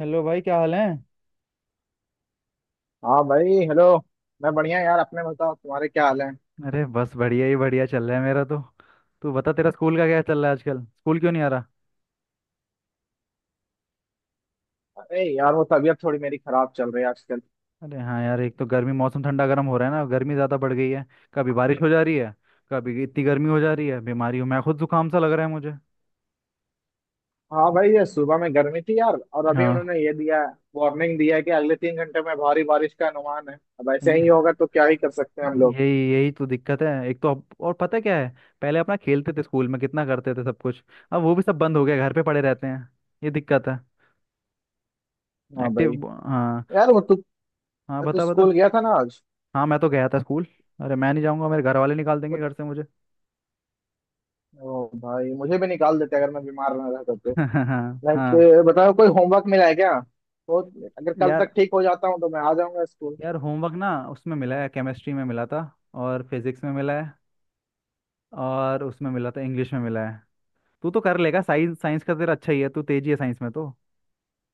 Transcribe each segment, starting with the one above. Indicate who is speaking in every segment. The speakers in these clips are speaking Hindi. Speaker 1: हेलो भाई, क्या हाल है?
Speaker 2: हाँ भाई हेलो। मैं बढ़िया यार, अपने बताओ तुम्हारे क्या हाल है?
Speaker 1: अरे बस बढ़िया ही बढ़िया चल रहा है मेरा तो। तू बता तेरा स्कूल का क्या चल रहा है? आजकल स्कूल क्यों नहीं आ रहा?
Speaker 2: अरे यार वो तबीयत थोड़ी मेरी खराब चल रही है आजकल।
Speaker 1: अरे हाँ यार, एक तो गर्मी, मौसम ठंडा गर्म हो रहा है ना, गर्मी ज़्यादा बढ़ गई है। कभी बारिश हो जा रही है। कभी इतनी गर्मी हो जा रही है, बीमारी हूँ मैं खुद, जुकाम सा लग रहा है मुझे।
Speaker 2: हाँ भाई, ये सुबह में गर्मी थी यार और अभी
Speaker 1: हाँ।
Speaker 2: उन्होंने ये दिया है, वार्निंग दिया है कि अगले 3 घंटे में भारी बारिश का अनुमान है। अब ऐसे
Speaker 1: ये
Speaker 2: ही होगा तो क्या ही कर सकते हैं हम लोग।
Speaker 1: यही यही तो दिक्कत है, एक तो अब, और पता है क्या है? पहले अपना खेलते थे स्कूल में, कितना करते थे सब कुछ। अब वो भी सब बंद हो गया, घर पे पड़े रहते हैं। ये दिक्कत है।
Speaker 2: हाँ भाई।
Speaker 1: एक्टिव। हाँ।
Speaker 2: यार वो तू
Speaker 1: हाँ
Speaker 2: तू
Speaker 1: बता बता।
Speaker 2: स्कूल गया था ना आज?
Speaker 1: हाँ मैं तो गया था स्कूल। अरे मैं नहीं जाऊँगा, मेरे घर वाले निकाल देंगे
Speaker 2: वो-
Speaker 1: घर से मुझे।
Speaker 2: ओ भाई मुझे भी निकाल देते अगर मैं बीमार ना रहता तो।
Speaker 1: हाँ
Speaker 2: लाइक
Speaker 1: हाँ।
Speaker 2: बताओ कोई होमवर्क मिला है क्या? तो अगर कल
Speaker 1: यार,
Speaker 2: तक ठीक हो जाता हूँ तो मैं आ जाऊंगा स्कूल।
Speaker 1: यार होमवर्क ना उसमें मिला है, केमिस्ट्री में मिला था। और फिजिक्स में मिला है। और उसमें मिला था, इंग्लिश में मिला है। तू तो कर लेगा, साइंस साइंस का तेरा अच्छा ही है, तू तेजी है साइंस में तो।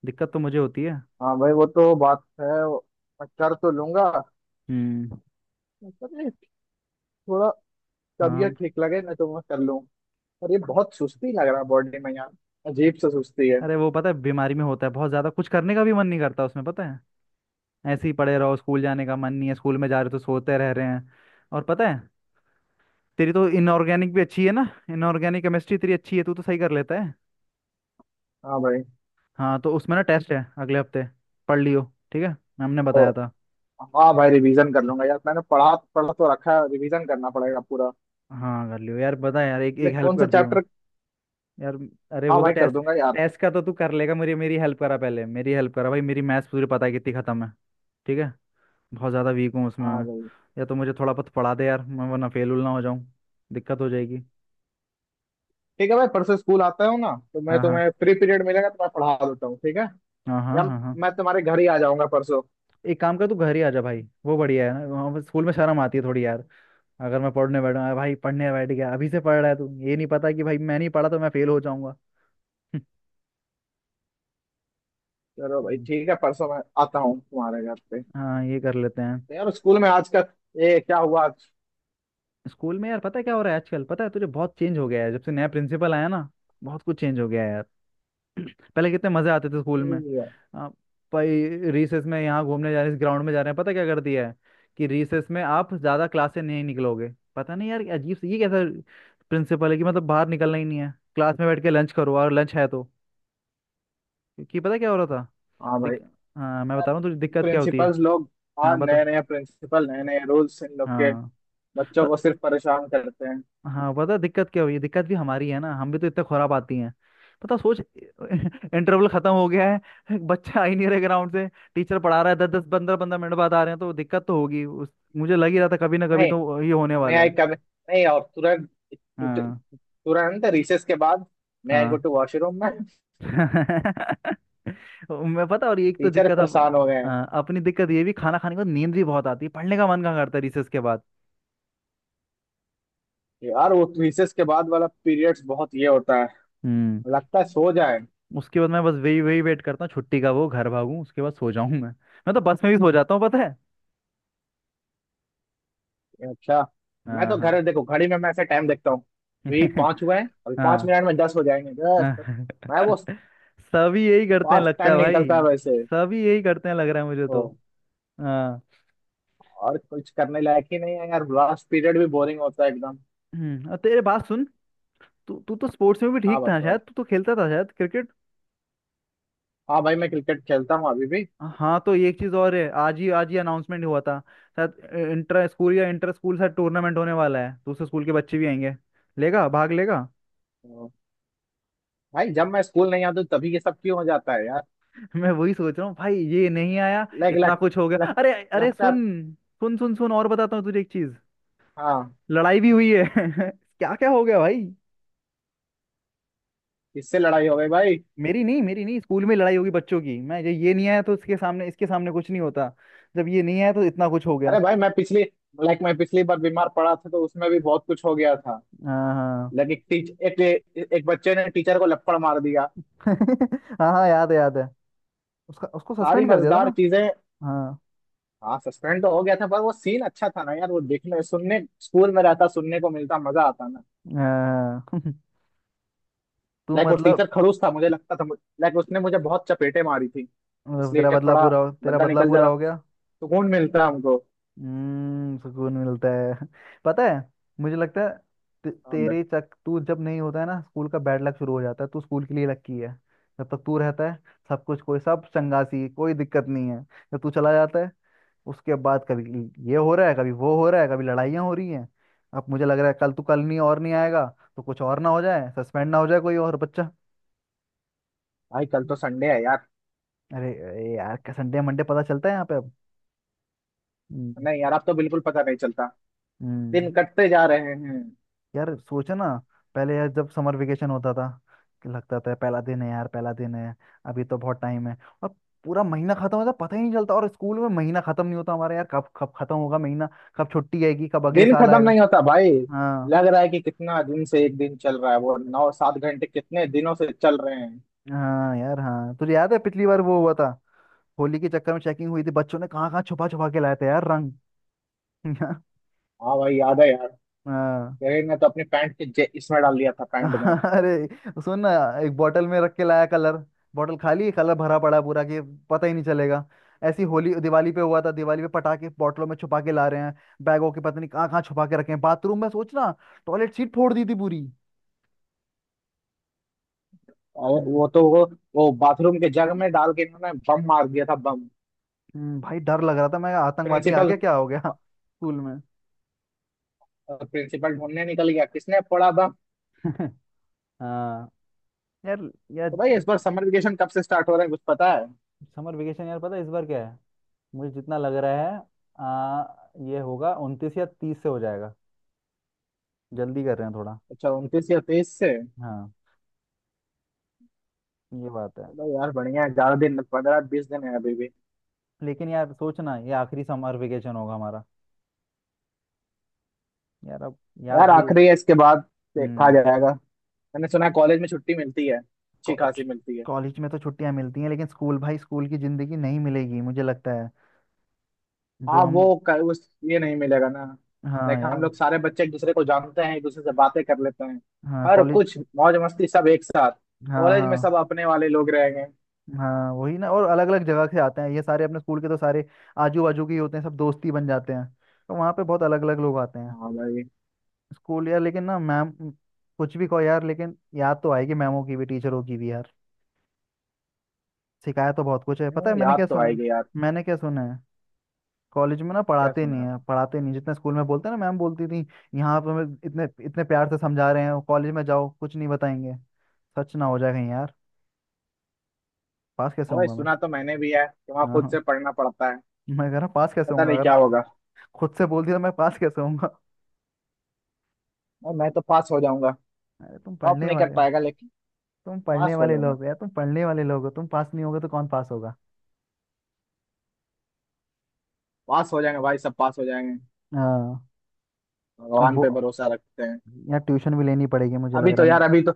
Speaker 1: दिक्कत तो मुझे होती है।
Speaker 2: हाँ भाई, वो तो बात है वो, मैं कर तो लूंगा,
Speaker 1: हम्म।
Speaker 2: मतलब ये, थोड़ा तबीयत
Speaker 1: हाँ।
Speaker 2: ठीक लगे ना तो मैं कर लूँ, पर ये बहुत सुस्ती लग रहा है बॉडी में यार। अजीब सा सुस्ती है।
Speaker 1: अरे वो, पता है बीमारी में होता है, बहुत ज़्यादा कुछ करने का भी मन नहीं करता उसमें, पता है। ऐसे ही पड़े रहो, स्कूल जाने का मन नहीं है, स्कूल में जा रहे हो तो सोते रह रहे हैं। और पता है, तेरी तो इनऑर्गेनिक भी अच्छी है ना। इनऑर्गेनिक केमिस्ट्री तेरी अच्छी है, तू तो सही कर लेता है।
Speaker 2: हाँ भाई।
Speaker 1: हाँ तो उसमें ना टेस्ट है अगले हफ्ते। पढ़ लियो। ठीक है। मैम ने
Speaker 2: तो
Speaker 1: बताया था।
Speaker 2: हाँ भाई, रिवीजन कर लूंगा यार, मैंने पढ़ा पढ़ा तो रखा है, रिवीजन करना पड़ेगा पूरा।
Speaker 1: हाँ कर लियो यार, बता यार, एक एक
Speaker 2: लेकिन
Speaker 1: हेल्प
Speaker 2: कौन सा
Speaker 1: कर दियो।
Speaker 2: चैप्टर?
Speaker 1: यार, अरे
Speaker 2: हाँ
Speaker 1: वो तो
Speaker 2: भाई कर
Speaker 1: टेस्ट,
Speaker 2: दूंगा यार।
Speaker 1: टेस्ट का तो तू कर लेगा। मेरी मेरी हेल्प करा पहले, मेरी हेल्प करा भाई, मेरी मैथ्स पूरी पता है कितनी खत्म है। ठीक है। बहुत ज़्यादा वीक हूँ उसमें
Speaker 2: हाँ
Speaker 1: मैं।
Speaker 2: भाई।
Speaker 1: या तो मुझे थोड़ा बहुत पढ़ा दे यार, मैं वरना फेल उल ना हो जाऊँ। दिक्कत हो जाएगी।
Speaker 2: ठीक है भाई, परसों स्कूल आता हूँ ना तो मैं
Speaker 1: हाँ हाँ
Speaker 2: तुम्हें फ्री पीरियड मिलेगा तो मैं पढ़ा देता हूँ, ठीक है।
Speaker 1: हाँ हाँ।
Speaker 2: या
Speaker 1: हाँ हाँ।
Speaker 2: मैं तुम्हारे घर ही आ जाऊंगा परसों।
Speaker 1: एक काम कर, तू घर ही आ जा भाई, वो बढ़िया है ना, वहाँ पे स्कूल में शर्म आती है थोड़ी यार। अगर मैं पढ़ने बैठा भाई, पढ़ने बैठ गया, अभी से पढ़ रहा है तू, ये नहीं पता कि भाई मैं नहीं पढ़ा तो मैं फेल हो जाऊंगा।
Speaker 2: चलो भाई
Speaker 1: हम्म,
Speaker 2: ठीक है, परसों मैं आता हूँ तुम्हारे घर पे।
Speaker 1: हाँ, ये कर लेते हैं।
Speaker 2: तो यार स्कूल में आज का ये क्या हुआ आज?
Speaker 1: स्कूल में यार पता है क्या हो रहा है आजकल? पता है तुझे, बहुत चेंज हो गया है जब से नया प्रिंसिपल आया ना। बहुत कुछ चेंज हो गया है यार। पहले कितने मजे आते थे स्कूल में।
Speaker 2: ये-
Speaker 1: आ, भाई रिसेस में यहाँ घूमने जा रहे हैं, ग्राउंड में जा रहे हैं, पता क्या कर दिया है कि रिसेस में आप ज्यादा क्लास से नहीं निकलोगे। पता नहीं यार, अजीब से, ये कैसा प्रिंसिपल है कि मतलब बाहर निकलना ही नहीं है, क्लास में बैठ के लंच करो, और लंच है तो, क्योंकि पता क्या हो रहा था।
Speaker 2: हाँ भाई।
Speaker 1: दिक... हाँ मैं बता रहा हूँ तुझे दिक्कत क्या होती है।
Speaker 2: प्रिंसिपल्स लोग,
Speaker 1: हाँ
Speaker 2: आज
Speaker 1: बता।
Speaker 2: नए नए प्रिंसिपल नए नए रूल्स इन लोग के,
Speaker 1: हाँ।
Speaker 2: बच्चों को सिर्फ परेशान करते हैं।
Speaker 1: हाँ पता है दिक्कत क्या हुई है, दिक्कत भी हमारी है ना, हम भी तो इतने खुराब आती हैं, पता, सोच। इंटरवल खत्म हो गया है, बच्चा आ ही नहीं रहे ग्राउंड से, टीचर पढ़ा रहा है, दस दस पंद्रह पंद्रह मिनट बाद आ रहे हैं, तो दिक्कत तो होगी उस। मुझे लग ही रहा था कभी ना कभी
Speaker 2: नहीं,
Speaker 1: तो ये होने
Speaker 2: मैं
Speaker 1: वाला
Speaker 2: आई
Speaker 1: है।
Speaker 2: कम नहीं और तुरंत,
Speaker 1: हाँ।
Speaker 2: तुरंत रिसेस के बाद मैं आई गो
Speaker 1: हाँ।
Speaker 2: टू वॉशरूम में।
Speaker 1: मैं पता, और एक तो
Speaker 2: टीचर
Speaker 1: दिक्कत अब,
Speaker 2: परेशान हो गए
Speaker 1: अ,
Speaker 2: हैं।
Speaker 1: अपनी दिक्कत ये भी, खाना खाने के बाद नींद भी बहुत आती है, पढ़ने का मन कहाँ करता है रिसेस के बाद?
Speaker 2: यार वो रिसेस के बाद वाला पीरियड्स बहुत ये होता है,
Speaker 1: हम्म
Speaker 2: लगता है सो जाए।
Speaker 1: उसके बाद मैं बस वही वही वेट करता हूँ छुट्टी का, वो घर भागूं उसके बाद सो जाऊं, मैं तो बस में भी सो जाता हूँ पता है।
Speaker 2: अच्छा, मैं
Speaker 1: हाँ
Speaker 2: तो
Speaker 1: हाँ।
Speaker 2: घर देखो घड़ी में मैं ऐसे टाइम देखता हूँ, अभी पाँच हुए हैं, अभी पाँच
Speaker 1: हाँ
Speaker 2: मिनट में दस हो जाएंगे दस।
Speaker 1: हाँ।
Speaker 2: मैं वो,
Speaker 1: सभी यही करते हैं
Speaker 2: फास्ट
Speaker 1: लगता
Speaker 2: टाइम
Speaker 1: है भाई।
Speaker 2: निकलता है वैसे।
Speaker 1: सभी यही करते हैं लग रहा है मुझे तो। हाँ।
Speaker 2: और कुछ करने लायक ही नहीं है यार, लास्ट पीरियड भी बोरिंग होता है एकदम।
Speaker 1: और तेरे बात सुन, तू तू तो स्पोर्ट्स में भी
Speaker 2: हाँ
Speaker 1: ठीक था
Speaker 2: बताओ।
Speaker 1: शायद, तू तो खेलता था शायद क्रिकेट।
Speaker 2: हाँ भाई, मैं क्रिकेट खेलता हूँ अभी भी।
Speaker 1: हाँ तो ये एक चीज और है, आज ही अनाउंसमेंट हुआ था, शायद इंटर स्कूल, या इंटर स्कूल शायद टूर्नामेंट होने वाला है, दूसरे स्कूल के बच्चे भी आएंगे। लेगा भाग लेगा?
Speaker 2: तो भाई जब मैं स्कूल नहीं आता तभी ये सब क्यों हो जाता है यार?
Speaker 1: मैं वही सोच रहा हूँ भाई, ये नहीं आया
Speaker 2: लाइक
Speaker 1: इतना
Speaker 2: लग,
Speaker 1: कुछ हो गया,
Speaker 2: लग,
Speaker 1: अरे अरे
Speaker 2: लगता
Speaker 1: सुन,
Speaker 2: है।
Speaker 1: सुन सुन सुन और बताता हूँ तुझे एक चीज,
Speaker 2: हाँ,
Speaker 1: लड़ाई भी हुई है। क्या क्या हो गया भाई।
Speaker 2: इससे लड़ाई हो गई भाई।
Speaker 1: मेरी नहीं मेरी नहीं, स्कूल में लड़ाई होगी बच्चों की, मैं जब ये नहीं आया तो इसके सामने, इसके सामने कुछ नहीं होता, जब ये नहीं आया तो इतना कुछ हो गया।
Speaker 2: अरे भाई मैं पिछली बार बीमार पड़ा था तो उसमें भी बहुत कुछ हो गया था।
Speaker 1: हाँ हाँ।
Speaker 2: एक बच्चे ने टीचर को लपड़ मार दिया।
Speaker 1: हाँ हाँ, याद है याद है, उसका उसको
Speaker 2: सारी
Speaker 1: सस्पेंड कर दिया था
Speaker 2: मजेदार
Speaker 1: ना।
Speaker 2: चीजें।
Speaker 1: हाँ।
Speaker 2: हाँ सस्पेंड तो हो गया था पर वो सीन अच्छा था ना यार, वो देखने सुनने स्कूल में रहता सुनने को मिलता मजा आता।
Speaker 1: हाँ तू
Speaker 2: वो
Speaker 1: मतलब,
Speaker 2: टीचर खड़ूस था मुझे लगता था। उसने मुझे बहुत चपेटे मारी थी, इसलिए थोड़ा
Speaker 1: तेरा
Speaker 2: बदला
Speaker 1: बदला
Speaker 2: निकल जा
Speaker 1: पूरा
Speaker 2: रहा,
Speaker 1: हो गया।
Speaker 2: सुकून मिलता हमको।
Speaker 1: सुकून मिलता है। पता है, मुझे लगता है, ते-
Speaker 2: हाँ भाई।
Speaker 1: तेरे चक तू जब नहीं होता है ना, स्कूल का बैड लक शुरू हो जाता है, तू स्कूल के लिए लकी है। जब तक तू रहता है सब कुछ, कोई सब चंगासी, कोई दिक्कत नहीं है। जब तू चला जाता है, उसके बाद कभी ये हो रहा है, कभी वो हो रहा है, कभी लड़ाइयाँ हो रही हैं। अब मुझे लग रहा है कल तू कल नहीं और नहीं आएगा, तो कुछ और ना हो जाए, सस्पेंड ना हो जाए कोई और बच्चा।
Speaker 2: भाई, कल तो संडे है यार।
Speaker 1: अरे अरे यार, संडे मंडे पता चलता है यहाँ पे अब। हम्म
Speaker 2: नहीं यार अब तो बिल्कुल पता नहीं चलता,
Speaker 1: हम्म
Speaker 2: दिन कटते जा रहे हैं।
Speaker 1: यार सोचा ना, पहले यार जब समर वेकेशन होता था कि लगता था पहला दिन है यार, पहला दिन है, अभी तो बहुत टाइम है। और पूरा महीना खत्म होता पता ही नहीं चलता, और स्कूल में महीना खत्म नहीं होता हमारा यार, कब कब खत्म होगा महीना, कब छुट्टी आएगी, कब अगले
Speaker 2: दिन
Speaker 1: साल
Speaker 2: खत्म
Speaker 1: आएगा?
Speaker 2: नहीं होता भाई,
Speaker 1: हाँ
Speaker 2: लग रहा है कि कितना दिन से एक दिन चल रहा है, वो नौ सात घंटे कितने दिनों से चल रहे हैं।
Speaker 1: हाँ यार, हाँ तुझे याद है पिछली बार वो हुआ था, होली के चक्कर में चेकिंग हुई थी, बच्चों ने कहाँ कहाँ छुपा छुपा के लाए थे यार रंग।
Speaker 2: हाँ भाई याद है यार।
Speaker 1: हाँ,
Speaker 2: तेरे ने तो अपनी पैंट के इसमें डाल दिया था, पैंट में।
Speaker 1: अरे सुन ना, एक बोतल में रख के लाया कलर, बोतल खाली है, कलर भरा पड़ा है पूरा, कि पता ही नहीं चलेगा। ऐसी होली, दिवाली पे हुआ था, दिवाली पे पटाखे बोतलों में छुपा के ला रहे हैं, बैगों के पता नहीं कहाँ कहाँ छुपा के रखे हैं, बाथरूम में सोच ना, टॉयलेट सीट फोड़ दी थी पूरी।
Speaker 2: और
Speaker 1: हम्म
Speaker 2: वो तो वो बाथरूम के जग में डाल के इन्होंने बम मार दिया था, बम।
Speaker 1: भाई डर लग रहा था, मैं आतंकवादी आ
Speaker 2: प्रिंसिपल
Speaker 1: गया क्या, हो गया स्कूल में।
Speaker 2: और प्रिंसिपल ढूंढने निकल गया किसने फोड़ा बम।
Speaker 1: हाँ यार। यार
Speaker 2: तो भाई इस बार समर वेकेशन कब से स्टार्ट हो रहा है, कुछ पता है?
Speaker 1: समर वेकेशन, यार पता है इस बार क्या है, मुझे जितना लग रहा है, आ, ये होगा 29 या 30 से हो जाएगा, जल्दी कर रहे हैं थोड़ा।
Speaker 2: अच्छा, 29 या 23 से।
Speaker 1: हाँ ये बात
Speaker 2: तो
Speaker 1: है।
Speaker 2: भाई यार बढ़िया है, ज्यादा दिन, 15-20 दिन है अभी भी।
Speaker 1: लेकिन यार सोचना, ये आखिरी समर वेकेशन होगा हमारा यार, अब याद
Speaker 2: यार
Speaker 1: भी,
Speaker 2: आखिरी है, इसके बाद देखा
Speaker 1: हम्म
Speaker 2: जाएगा। मैंने सुना है कॉलेज में छुट्टी मिलती है, अच्छी खासी मिलती है।
Speaker 1: कॉलेज में तो छुट्टियां मिलती हैं, लेकिन स्कूल भाई, स्कूल की जिंदगी नहीं मिलेगी मुझे लगता है। जो
Speaker 2: हाँ, वो
Speaker 1: हम
Speaker 2: क- उस ये नहीं मिलेगा ना।
Speaker 1: हाँ
Speaker 2: हम
Speaker 1: यार,
Speaker 2: लोग सारे बच्चे एक दूसरे को जानते हैं, एक दूसरे से बातें कर लेते हैं।
Speaker 1: हाँ
Speaker 2: हर
Speaker 1: कॉलेज।
Speaker 2: कुछ मौज मस्ती सब एक साथ।
Speaker 1: हाँ
Speaker 2: कॉलेज में
Speaker 1: हाँ।
Speaker 2: सब अपने वाले लोग रहेंगे।
Speaker 1: हाँ वही ना, और अलग अलग जगह से आते हैं, ये सारे अपने स्कूल के तो सारे आजू बाजू के ही होते हैं सब, दोस्ती बन जाते हैं, तो वहाँ पे बहुत अलग अलग लोग आते हैं।
Speaker 2: हाँ भाई।
Speaker 1: स्कूल यार लेकिन ना मैम, कुछ भी कहो यार, लेकिन याद तो आएगी मैमों की भी, टीचरों की भी यार, सिखाया तो बहुत कुछ है, पता है,
Speaker 2: याद तो आएगी यार।
Speaker 1: मैंने क्या सुना है, कॉलेज में ना
Speaker 2: क्या
Speaker 1: पढ़ाते नहीं
Speaker 2: सुना?
Speaker 1: है, पढ़ाते नहीं जितना स्कूल में, बोलते हैं ना मैम बोलती थी, यहाँ पे हमें इतने इतने प्यार से समझा रहे हैं, कॉलेज में जाओ कुछ नहीं बताएंगे। सच ना हो जाए कहीं यार, पास कैसे
Speaker 2: हाँ भाई,
Speaker 1: होऊंगा मैं?
Speaker 2: सुना तो मैंने भी है कि वहाँ खुद
Speaker 1: हाँ
Speaker 2: से पढ़ना पड़ता है।
Speaker 1: मैं कह रहा हूँ, पास कैसे
Speaker 2: पता
Speaker 1: होऊंगा
Speaker 2: नहीं
Speaker 1: अगर
Speaker 2: क्या होगा।
Speaker 1: खुद से बोलती तो, मैं पास कैसे होऊंगा?
Speaker 2: और मैं तो पास हो जाऊंगा।
Speaker 1: अरे तुम
Speaker 2: टॉप
Speaker 1: पढ़ने
Speaker 2: नहीं कर
Speaker 1: वाले हो,
Speaker 2: पाएगा लेकिन
Speaker 1: तुम पढ़ने
Speaker 2: पास हो
Speaker 1: वाले
Speaker 2: जाऊंगा।
Speaker 1: लोग हो यार, तुम पढ़ने वाले लोग हो, तुम पास नहीं होगे तो कौन पास होगा?
Speaker 2: पास हो जाएंगे भाई, सब पास हो जाएंगे।
Speaker 1: हाँ। अब
Speaker 2: भगवान पे
Speaker 1: वो-
Speaker 2: भरोसा रखते हैं।
Speaker 1: यार ट्यूशन भी लेनी पड़ेगी, मुझे लग
Speaker 2: अभी तो
Speaker 1: रहा है
Speaker 2: यार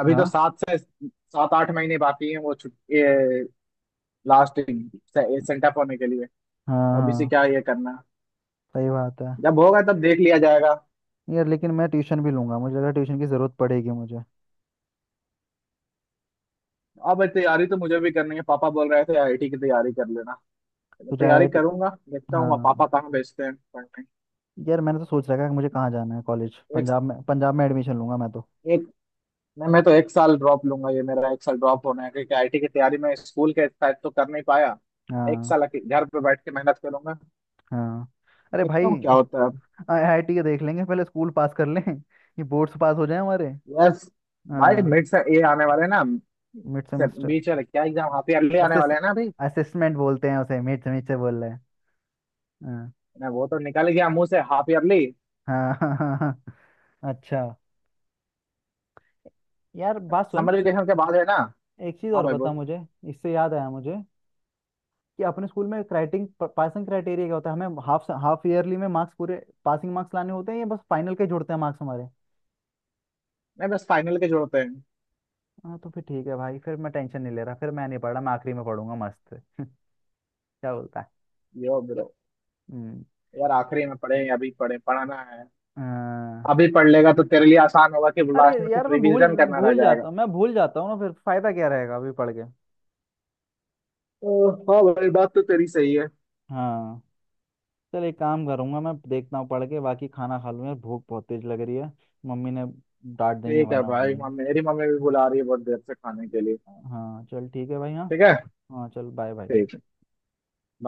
Speaker 2: अभी तो
Speaker 1: हाँ
Speaker 2: सात से 7-8 महीने बाकी हैं वो छुट्टी, लास्ट सेंटअप होने के लिए।
Speaker 1: हाँ
Speaker 2: अभी से
Speaker 1: हाँ,
Speaker 2: क्या ये करना,
Speaker 1: सही बात है।
Speaker 2: जब होगा तब देख लिया जाएगा।
Speaker 1: यार, लेकिन मैं ट्यूशन भी लूंगा, मुझे लग रहा है ट्यूशन की ज़रूरत पड़ेगी मुझे।
Speaker 2: अब तैयारी तो मुझे भी करनी है, पापा बोल रहे थे आईआईटी की तैयारी कर लेना। मैं
Speaker 1: तुझे
Speaker 2: तैयारी
Speaker 1: आईआईटी।
Speaker 2: करूंगा, देखता हूँ
Speaker 1: हाँ।
Speaker 2: पापा कहाँ भेजते हैं पढ़ने।
Speaker 1: यार मैंने तो सोच रखा है कि मुझे कहाँ जाना है कॉलेज,
Speaker 2: एक
Speaker 1: पंजाब में, पंजाब में एडमिशन लूंगा मैं तो।
Speaker 2: एक नहीं, मैं तो एक साल ड्रॉप लूंगा, ये मेरा एक साल ड्रॉप होना है क्योंकि आईटी की तैयारी में स्कूल के साथ तो कर नहीं पाया। एक
Speaker 1: हाँ
Speaker 2: साल घर पे बैठ के मेहनत करूंगा।
Speaker 1: हाँ। अरे
Speaker 2: देखता
Speaker 1: भाई
Speaker 2: हूँ क्या होता है।
Speaker 1: आईआईटी के देख लेंगे, पहले स्कूल पास कर लें, ये बोर्ड्स पास हो जाए हमारे।
Speaker 2: यस। भाई
Speaker 1: हाँ।
Speaker 2: मिड से ये आने वाले हैं ना,
Speaker 1: मिड सेमेस्टर।
Speaker 2: बीच वाले क्या एग्जाम हाफ ईयरली आने वाले
Speaker 1: असिस्ट
Speaker 2: हैं ना अभी।
Speaker 1: असिस्मेंट बोलते हैं उसे, मिड सेमेस्टर बोल रहे हैं। हाँ।
Speaker 2: मैं वो, तो निकल गया मुंह से हाफ ईयरली।
Speaker 1: हाँ। हाँ हाँ हाँ। अच्छा, यार बात सुन,
Speaker 2: समर वेकेशन के बाद है ना?
Speaker 1: एक चीज़
Speaker 2: हाँ
Speaker 1: और
Speaker 2: भाई
Speaker 1: बता
Speaker 2: बोल।
Speaker 1: मुझे, इससे याद आया मुझे कि अपने स्कूल में, क्राइटिंग पासिंग क्राइटेरिया क्या होता है? हमें हाफ हाफ ईयरली में मार्क्स पूरे पासिंग मार्क्स लाने होते हैं या बस फाइनल के जुड़ते हैं मार्क्स हमारे?
Speaker 2: नहीं, बस फाइनल के जोड़ते हैं।
Speaker 1: हाँ तो फिर ठीक है भाई, फिर मैं टेंशन नहीं ले रहा, फिर मैं नहीं पढ़ रहा, मैं आखिरी में पढ़ूंगा मस्त। क्या बोलता है?
Speaker 2: यो ब्रो।
Speaker 1: हम्म,
Speaker 2: यार आखिरी में पढ़े या अभी पढ़े, पढ़ाना है।
Speaker 1: अ,
Speaker 2: अभी पढ़ लेगा तो तेरे लिए आसान होगा कि
Speaker 1: अरे
Speaker 2: लास्ट में फिर
Speaker 1: यार मैं भूल
Speaker 2: रिवीजन करना रह
Speaker 1: भूल
Speaker 2: जाएगा।
Speaker 1: जाता हूँ, मैं भूल जाता हूँ ना, फिर फायदा क्या रहेगा अभी पढ़ के?
Speaker 2: तो हाँ भाई, बात तो तेरी सही है।
Speaker 1: हाँ चल, एक काम करूंगा मैं, देखता हूँ पढ़ के, बाकी खाना खा लूँ यार, भूख बहुत तेज लग रही है, मम्मी, ने डांट देंगी
Speaker 2: ठीक है
Speaker 1: वरना
Speaker 2: भाई,
Speaker 1: मम्मी।
Speaker 2: मम्मी मेरी मम्मी भी बुला रही है बहुत देर से खाने के लिए।
Speaker 1: हाँ चल ठीक है भाई, हाँ।
Speaker 2: ठीक है।
Speaker 1: हाँ चल, बाय बाय।
Speaker 2: ठीक है bye।